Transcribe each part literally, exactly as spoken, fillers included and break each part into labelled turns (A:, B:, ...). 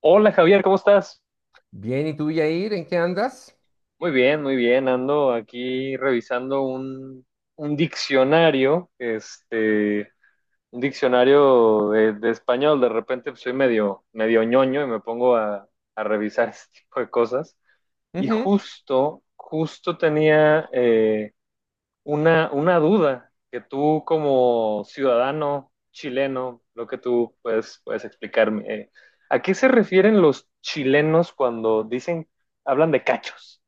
A: Hola Javier, ¿cómo estás?
B: Bien, ¿y tú, Yair, en qué andas?
A: Muy bien, muy bien. Ando aquí revisando un, un diccionario, este, un diccionario de, de español. De repente pues, soy medio, medio ñoño y me pongo a, a revisar este tipo de cosas. Y
B: Ujú.
A: justo, justo tenía eh, una, una duda que tú como ciudadano chileno, lo que tú puedes, puedes explicarme, eh, ¿a qué se refieren los chilenos cuando dicen, hablan de cachos?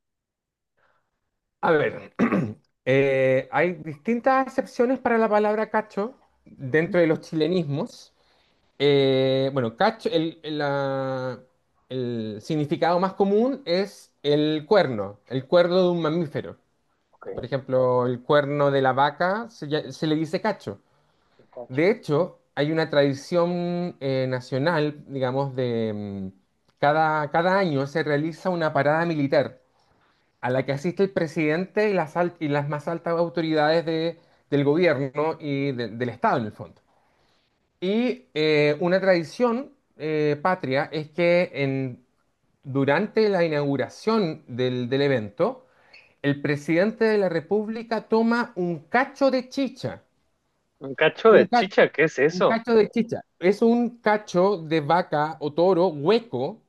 B: A ver, eh, hay distintas excepciones para la palabra cacho dentro de los chilenismos. Eh, bueno, cacho, el, el, la- el significado más común es el cuerno, el cuerno de un mamífero.
A: Ok,
B: Por ejemplo, el cuerno de la vaca se, lla- se le dice cacho.
A: el cacho.
B: De hecho, hay una tradición eh, nacional, digamos, de mm, cada, cada año se realiza una parada militar a la que asiste el presidente y las, al- y las más altas autoridades de- del gobierno y de- del Estado en el fondo. Y eh, una tradición eh, patria es que en- durante la inauguración del, del evento, el presidente de la República toma un cacho de chicha,
A: Un cacho
B: un
A: de
B: cacho,
A: chicha, ¿qué es
B: un
A: eso?
B: cacho de chicha. Es un cacho de vaca o toro hueco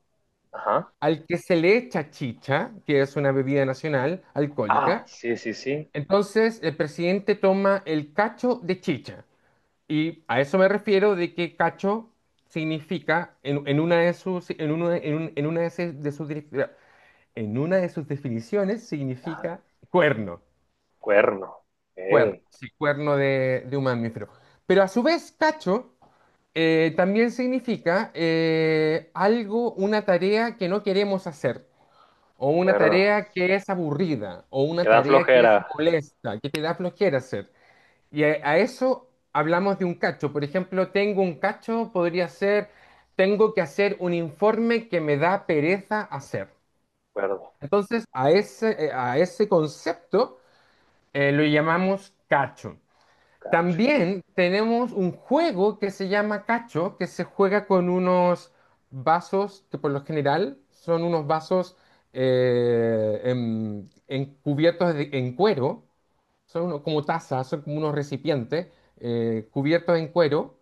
A: Ajá.
B: al que se le echa chicha, que es una bebida nacional
A: Ah,
B: alcohólica.
A: sí, sí, sí.
B: Entonces, el presidente toma el cacho de chicha. Y a eso me refiero de que cacho significa, en, en una de sus, en uno de- en un- en una de se- de sus, dif- en una de sus definiciones,
A: Ah,
B: significa cuerno.
A: cuerno.
B: Cuerno,
A: Ok,
B: sí, cuerno de, de un mamífero. Pero a su vez, cacho eh, también significa eh, algo, una tarea que no queremos hacer. O una
A: cuerno.
B: tarea que es aburrida, o una
A: Queda
B: tarea que es
A: flojera.
B: molesta, que te da flojera hacer. Y a, a eso hablamos de un cacho. Por ejemplo, tengo un cacho, podría ser, tengo que hacer un informe que me da pereza hacer.
A: Cuerno.
B: Entonces, a ese, eh, a ese concepto eh, lo llamamos cacho.
A: Cacho.
B: También tenemos un juego que se llama cacho, que se juega con unos vasos que por lo general son unos vasos eh, en, en cubiertos de- en cuero, son uno- como tazas, son como unos recipientes eh, cubiertos en cuero,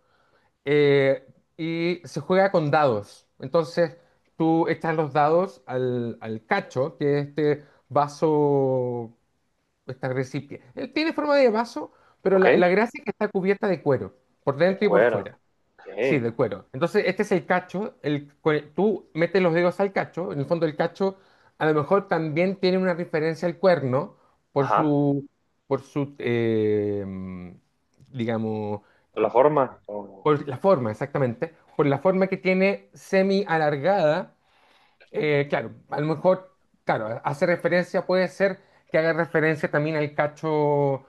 B: eh, y se juega con dados. Entonces tú echas los dados al, al cacho, que es este vaso. Está recipiente. Él tiene forma de vaso, pero
A: Ok,
B: la, la
A: de
B: gracia es que está cubierta de cuero, por dentro y por
A: cuerno.
B: fuera. Sí,
A: Ok.
B: de cuero. Entonces, este es el cacho. El, cue- tú metes los dedos al cacho. En el fondo, el cacho a lo mejor también tiene una referencia al cuerno por
A: Ajá.
B: su, por su, eh, digamos,
A: La forma. Ok.
B: por la forma, exactamente. Por la forma que tiene semi alargada, eh, claro, a lo mejor, claro, hace referencia, puede ser que haga referencia también al cacho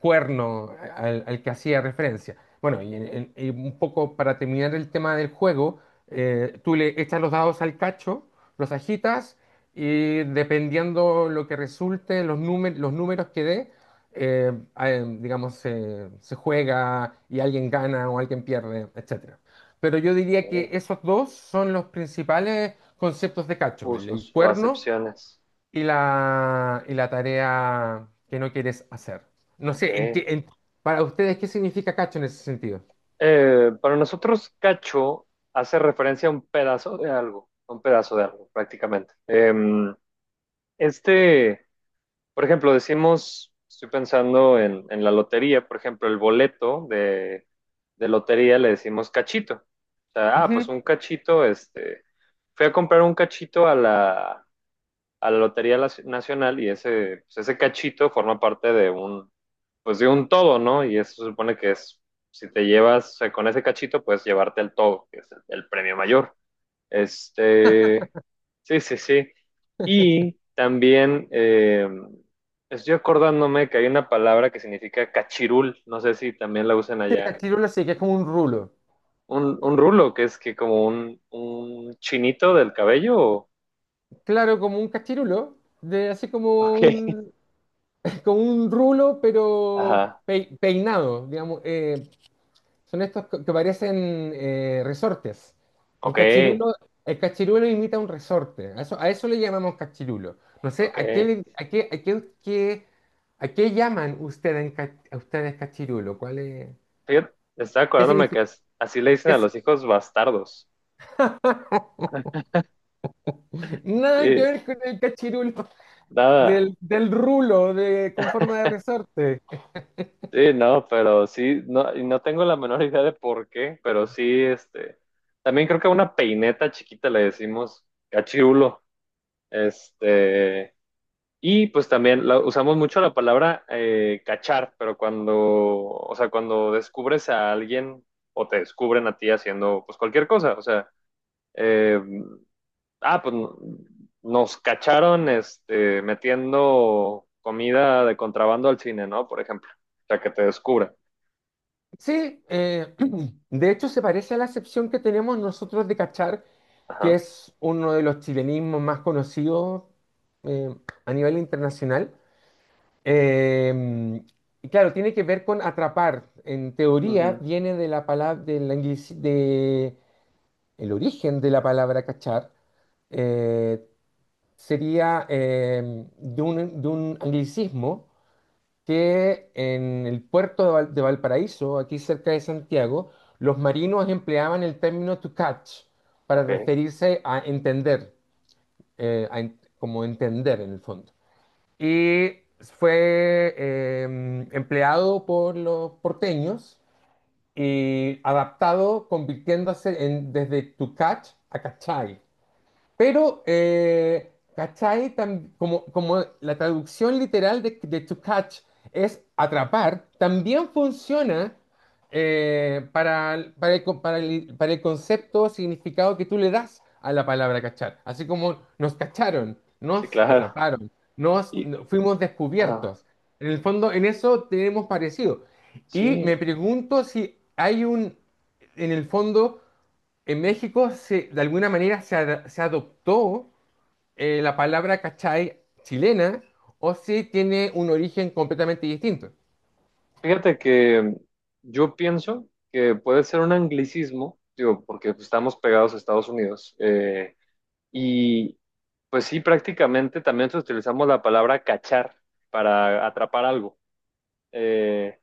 B: cuerno al, al que hacía referencia. Bueno, y, en- en- y un poco para terminar el tema del juego, eh, tú le echas los dados al cacho, los agitas y dependiendo lo que resulte, los, númer- los números que dé, eh, eh, digamos, se se juega y alguien gana o alguien pierde, etcétera. Pero yo diría que
A: Ok.
B: esos dos son los principales conceptos de cacho, el
A: Usos o
B: cuerno
A: acepciones.
B: y la, y la tarea que no quieres hacer. No
A: Ok.
B: sé, en qué, en- para ustedes, ¿qué significa cacho en ese sentido?
A: Eh, para nosotros, cacho hace referencia a un pedazo de algo, a un pedazo de algo, prácticamente. Em, este, por ejemplo, decimos, estoy pensando en, en la lotería, por ejemplo, el boleto de, de lotería le decimos cachito. O sea, ah, pues
B: Ujú.
A: un cachito, este, fui a comprar un cachito a la, a la Lotería Nacional y ese, pues ese cachito forma parte de un, pues de un todo, ¿no? Y eso se supone que es, si te llevas, o sea, con ese cachito puedes llevarte el todo, que es el, el premio mayor. Este, sí, sí, sí. Y también eh, estoy acordándome que hay una palabra que significa cachirul, no sé si también la usan
B: Sí,
A: allá en...
B: cachirulo sí, que es como un rulo.
A: Un, un rulo, que es que como un, un chinito del cabello. O-
B: Claro, como un cachirulo, de así como
A: Ok,
B: un, como un rulo, pero
A: ajá,
B: pei- peinado, digamos, eh, son estos que que parecen eh, resortes. El
A: ok,
B: cachirulo, el cachirulo imita un resorte. A eso, a eso le llamamos cachirulo. No sé,
A: ok.
B: ¿a qué, le- a qué, a qué, qué- ¿a qué llaman ustedes, en ca- a ustedes cachirulo? ¿Cuál es?
A: Fíjate, estaba
B: ¿Qué
A: acordándome que
B: significa?
A: as- así le dicen
B: ¿Qué
A: a
B: es?
A: los hijos bastardos.
B: Nada que
A: Sí,
B: ver con el cachirulo
A: nada.
B: del, del rulo de, con forma de resorte.
A: Sí, no, pero sí, no, y no tengo la menor idea de por qué, pero sí, este. También creo que a una peineta chiquita le decimos cachirulo. Este. Y pues también la- usamos mucho la palabra eh, cachar, pero cuando, o sea, cuando descubres a alguien o te descubren a ti haciendo pues cualquier cosa, o sea. eh, ah, pues no- nos cacharon este, metiendo comida de contrabando al cine, ¿no? Por ejemplo, o sea, que te descubra.
B: Sí, eh, de hecho se parece a la acepción que tenemos nosotros de cachar, que
A: Ajá.
B: es uno de los chilenismos más conocidos eh, a nivel internacional. Eh, y claro, tiene que ver con atrapar. En teoría
A: Ujú.
B: viene de la palabra, del anglici- de, el origen de la palabra cachar, eh, sería eh, de un, de un anglicismo que en el puerto de, Val- de Valparaíso, aquí cerca de Santiago, los marinos empleaban el término to catch para
A: Ok,
B: referirse a entender, eh, a en- como entender en el fondo. Y fue eh, empleado por los porteños y adaptado, convirtiéndose en, desde to catch a cachai. Pero, eh, ¿cachai? Tam- como, como la traducción literal de, de to catch es atrapar, también funciona eh, para, el- para el, con- para el- para el concepto o significado que tú le das a la palabra cachar. Así como nos cacharon,
A: sí,
B: nos
A: claro.
B: atraparon, nos
A: Y,
B: no- fuimos
A: ah,
B: descubiertos. En el fondo, en eso tenemos parecido. Y
A: sí,
B: me pregunto si hay un, en el fondo en México, se, de alguna manera, se, ad- se adoptó eh, la palabra cachai chilena o si tiene un origen completamente distinto.
A: fíjate que yo pienso que puede ser un anglicismo, digo, porque pues, estamos pegados a Estados Unidos. eh, y pues sí, prácticamente también utilizamos la palabra cachar para atrapar algo. Eh,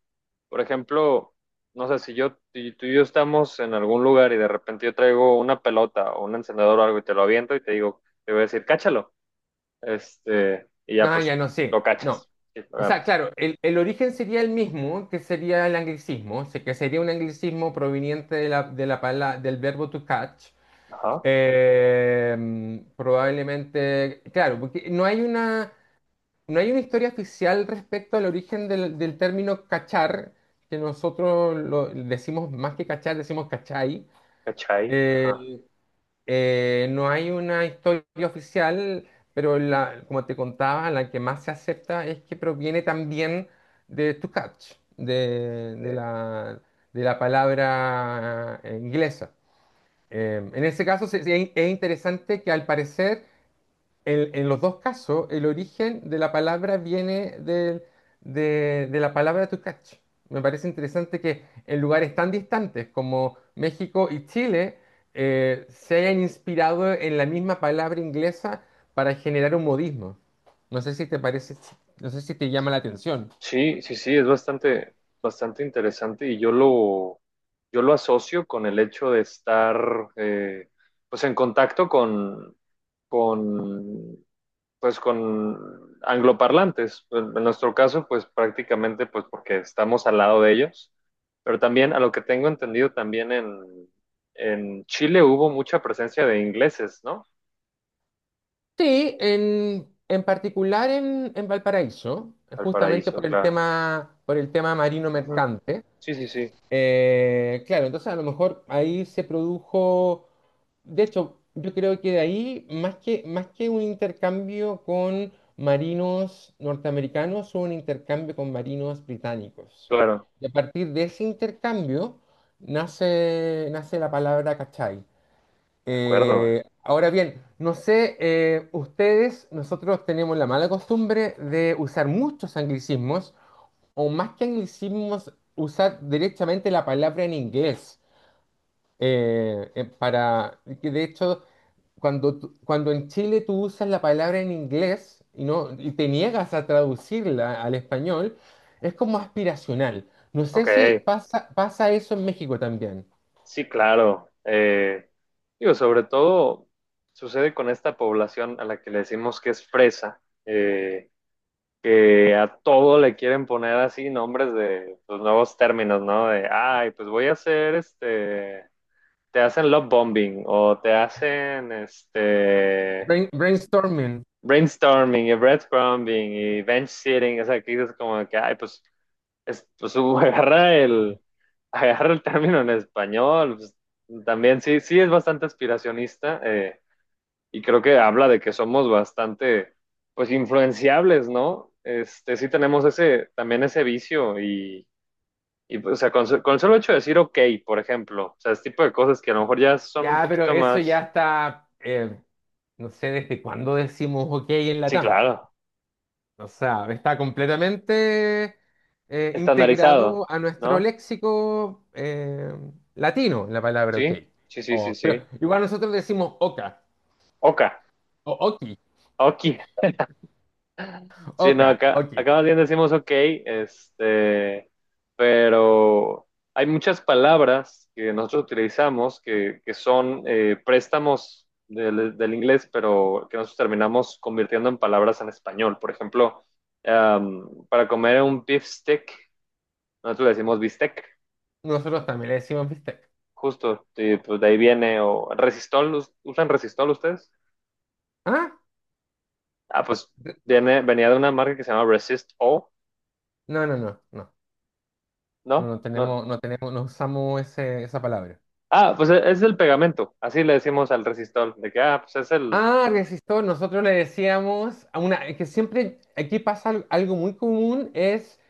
A: Por ejemplo, no sé, si yo, si tú y yo estamos en algún lugar y de repente yo traigo una pelota o un encendedor o algo y te lo aviento y te digo, te voy a decir, cáchalo. Este, y ya
B: Ah, ya
A: pues
B: no
A: lo
B: sé, no.
A: cachas, sí, lo
B: O sea,
A: agarras.
B: claro, el, el origen sería el mismo, que sería el anglicismo, o sea, que sería un anglicismo proveniente de la, de la pala- del verbo to catch.
A: Ajá,
B: Eh, probablemente, claro, porque no hay una... No hay una historia oficial respecto al origen del, del término cachar, que nosotros lo decimos más que cachar, decimos cachai.
A: cachai, ajá.
B: Eh, eh, no hay una historia oficial, pero la, como te contaba, la que más se acepta es que proviene también de to catch, de, de
A: eh,
B: la, de la palabra eh, inglesa. Eh, en ese caso se- se- es interesante que al parecer en, en los dos casos, el origen de la palabra viene del- de, de la palabra Tucach. Me parece interesante que en lugares tan distantes como México y Chile eh, se hayan inspirado en la misma palabra inglesa para generar un modismo. No sé si te parece, no sé si te llama la atención.
A: sí, sí, sí, es bastante, bastante interesante y yo lo, yo lo asocio con el hecho de estar, eh, pues en contacto con, con pues con angloparlantes. En nuestro caso, pues prácticamente pues porque estamos al lado de ellos. Pero también, a lo que tengo entendido, también en, en Chile hubo mucha presencia de ingleses, ¿no?
B: Sí, en, en particular en, en Valparaíso,
A: Al
B: justamente
A: paraíso,
B: por el
A: claro.
B: tema, por el tema marino
A: Ujú.
B: mercante.
A: Sí, sí, sí,
B: Eh, claro, entonces a lo mejor ahí se produjo, de hecho, yo creo que de ahí, más que, más que un intercambio con marinos norteamericanos, hubo un intercambio con marinos británicos.
A: claro.
B: Y a partir de ese intercambio nace, nace la palabra cachai.
A: De acuerdo, güey.
B: Eh, ahora bien, no sé, eh, ustedes, nosotros tenemos la mala costumbre de usar muchos anglicismos o más que anglicismos, usar directamente la palabra en inglés. eh, eh, para, que de hecho, cuando, tú- cuando en Chile tú usas la palabra en inglés y, no, y te niegas a traducirla al español, es como aspiracional. No
A: Ok,
B: sé si pasa, pasa eso en México también.
A: sí, claro. Eh, digo, sobre todo sucede con esta población a la que le decimos que es fresa. Eh, que a todo le quieren poner así nombres de los nuevos términos, ¿no? De, ay, pues voy a hacer este, te hacen love bombing o te hacen este
B: Brain- brainstorming.
A: brainstorming y breadcrumbing y bench sitting, o sea, que dices como que, ay, pues, es, pues uh, agarra el, agarra el término en español, pues, también sí, sí es bastante aspiracionista, eh, y creo que habla de que somos bastante, pues, influenciables, ¿no? Este, sí tenemos ese, también ese vicio y, y pues, o sea, con, con el solo hecho de decir ok, por ejemplo, o sea, ese tipo de cosas que a lo mejor ya son un
B: Ya, pero
A: poquito
B: eso ya
A: más,
B: está, eh, no sé desde cuándo decimos ok en
A: sí,
B: Latam.
A: claro,
B: O sea, está completamente eh,
A: estandarizado,
B: integrado a nuestro
A: ¿no?
B: léxico eh, latino la palabra ok.
A: Sí, sí, sí, sí,
B: O- pero
A: sí.
B: igual nosotros decimos oca,
A: Oka,
B: o oki,
A: ok, sí, no,
B: oca,
A: acá,
B: oki.
A: acá más bien decimos ok, este, pero hay muchas palabras que nosotros utilizamos que, que son eh, préstamos del, del inglés, pero que nosotros terminamos convirtiendo en palabras en español. Por ejemplo, um, para comer un beef stick, nosotros le decimos bistec,
B: Nosotros también le decimos bistec.
A: justo, y pues de ahí viene, o resistol, ¿us- ¿usan resistol ustedes?
B: ¿Ah?
A: Ah, pues viene, venía de una marca que se llama Resist O,
B: No, no, no, no. No,
A: ¿no?
B: no
A: No,
B: tenemos, no tenemos, no usamos ese- esa palabra.
A: ah, pues e- es el pegamento, así le decimos al resistol, de que, ah, pues es el...
B: Ah, resistor, nosotros le decíamos a una, es que siempre aquí pasa al- algo muy común, es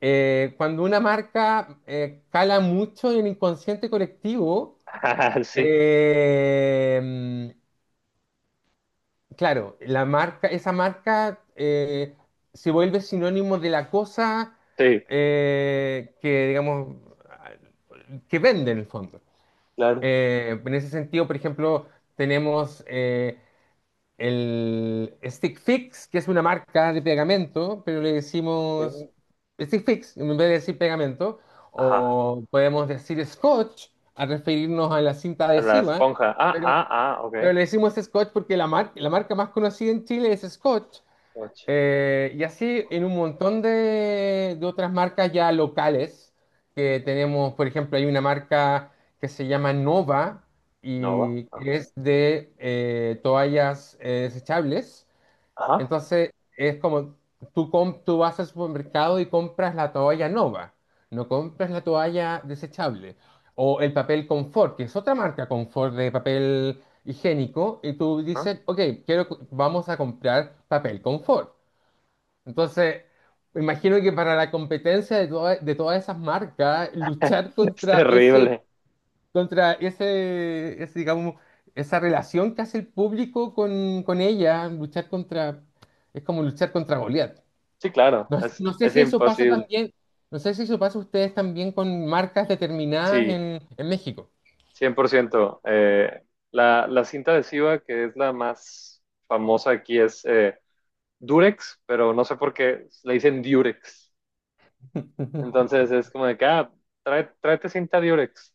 B: eh, cuando una marca eh, cala mucho en el inconsciente colectivo,
A: Ah, sí,
B: eh, claro, la marca, esa marca eh, se vuelve sinónimo de la cosa
A: sí,
B: eh, que, digamos, que vende en el fondo.
A: claro.
B: Eh, en ese sentido, por ejemplo, tenemos... eh, el Stick Fix, que es una marca de pegamento, pero le decimos
A: Sí.
B: Stick Fix en vez de decir pegamento,
A: Ajá,
B: o podemos decir Scotch al referirnos a la cinta
A: a la
B: adhesiva,
A: esponja. Ah,
B: pero,
A: ah, ah, ok.
B: pero le decimos Scotch porque la, mar- la marca más conocida en Chile es Scotch,
A: Och,
B: eh, y así en un montón de, de otras marcas ya locales que tenemos, por ejemplo, hay una marca que se llama Nova
A: no va,
B: y
A: ok.
B: que es de eh, toallas eh, desechables.
A: Ajá,
B: Entonces es como tú, com- tú vas al supermercado y compras la toalla Nova, no compras la toalla desechable. O el papel Confort, que es otra marca Confort de papel higiénico, y tú
A: ah.
B: dices, ok, quiero, vamos a comprar papel Confort. Entonces, me imagino que para la competencia de, toda- de todas esas marcas, luchar
A: Es
B: contra ese,
A: terrible.
B: contra ese, ese, digamos, esa relación que hace el público con, con ella, luchar contra, es como luchar contra Goliat.
A: Sí, claro,
B: No,
A: es,
B: no sé
A: es
B: si eso pasa
A: imposible.
B: también, no sé si eso pasa a ustedes también con marcas determinadas
A: Sí,
B: en, en México.
A: cien por ciento. Eh, la, la cinta adhesiva, que es la más famosa aquí, es eh, Durex, pero no sé por qué le dicen Durex. Entonces es como de que, ah, trae- tráete cinta Durex.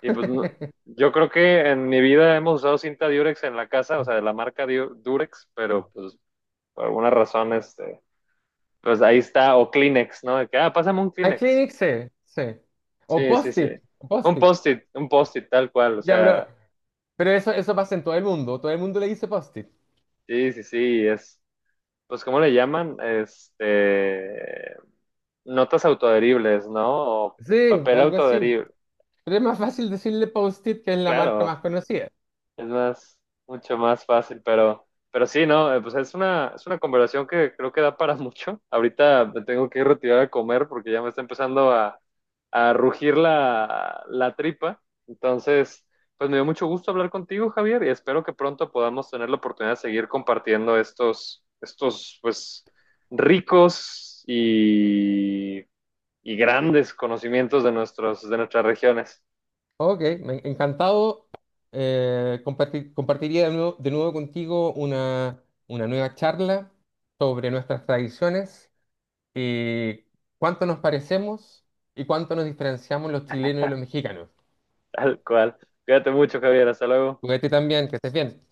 A: Y pues no- yo creo que en mi vida hemos usado cinta Durex en la casa, o sea, de la marca Du- Durex, pero pues por alguna razón, este, pues ahí está, o Kleenex, ¿no? De que, ah, pásame un
B: A
A: Kleenex.
B: Clinic, sí, sí. O
A: Sí, sí, sí.
B: Post-it,
A: Un
B: Post-it.
A: post-it, un post-it tal cual, o
B: Ya, pero,
A: sea,
B: pero eso, eso pasa en todo el mundo, todo el mundo le dice Post-it.
A: sí, sí, sí, es, pues, ¿cómo le llaman? Este, notas autoadheribles, ¿no? O
B: Sí,
A: papel
B: algo así.
A: autoadherible.
B: Pero es más fácil decirle Post-it, que es la marca
A: Claro,
B: más conocida.
A: es más, mucho más fácil, pero, pero sí, ¿no? Eh, pues es una, es una conversación que creo que da para mucho. Ahorita me tengo que ir retirar a comer porque ya me está empezando a, a rugir la, la tripa. Entonces, pues me dio mucho gusto hablar contigo, Javier, y espero que pronto podamos tener la oportunidad de seguir compartiendo estos, estos, pues, ricos y, y grandes conocimientos de nuestros, de nuestras regiones.
B: Ok, me- encantado. Eh, comparti- compartiría de nuevo, de nuevo contigo una, una nueva charla sobre nuestras tradiciones y cuánto nos parecemos y cuánto nos diferenciamos los chilenos y los mexicanos.
A: Tal cual. Cuídate mucho, Javier. Hasta luego.
B: Cuídate también, que estés bien.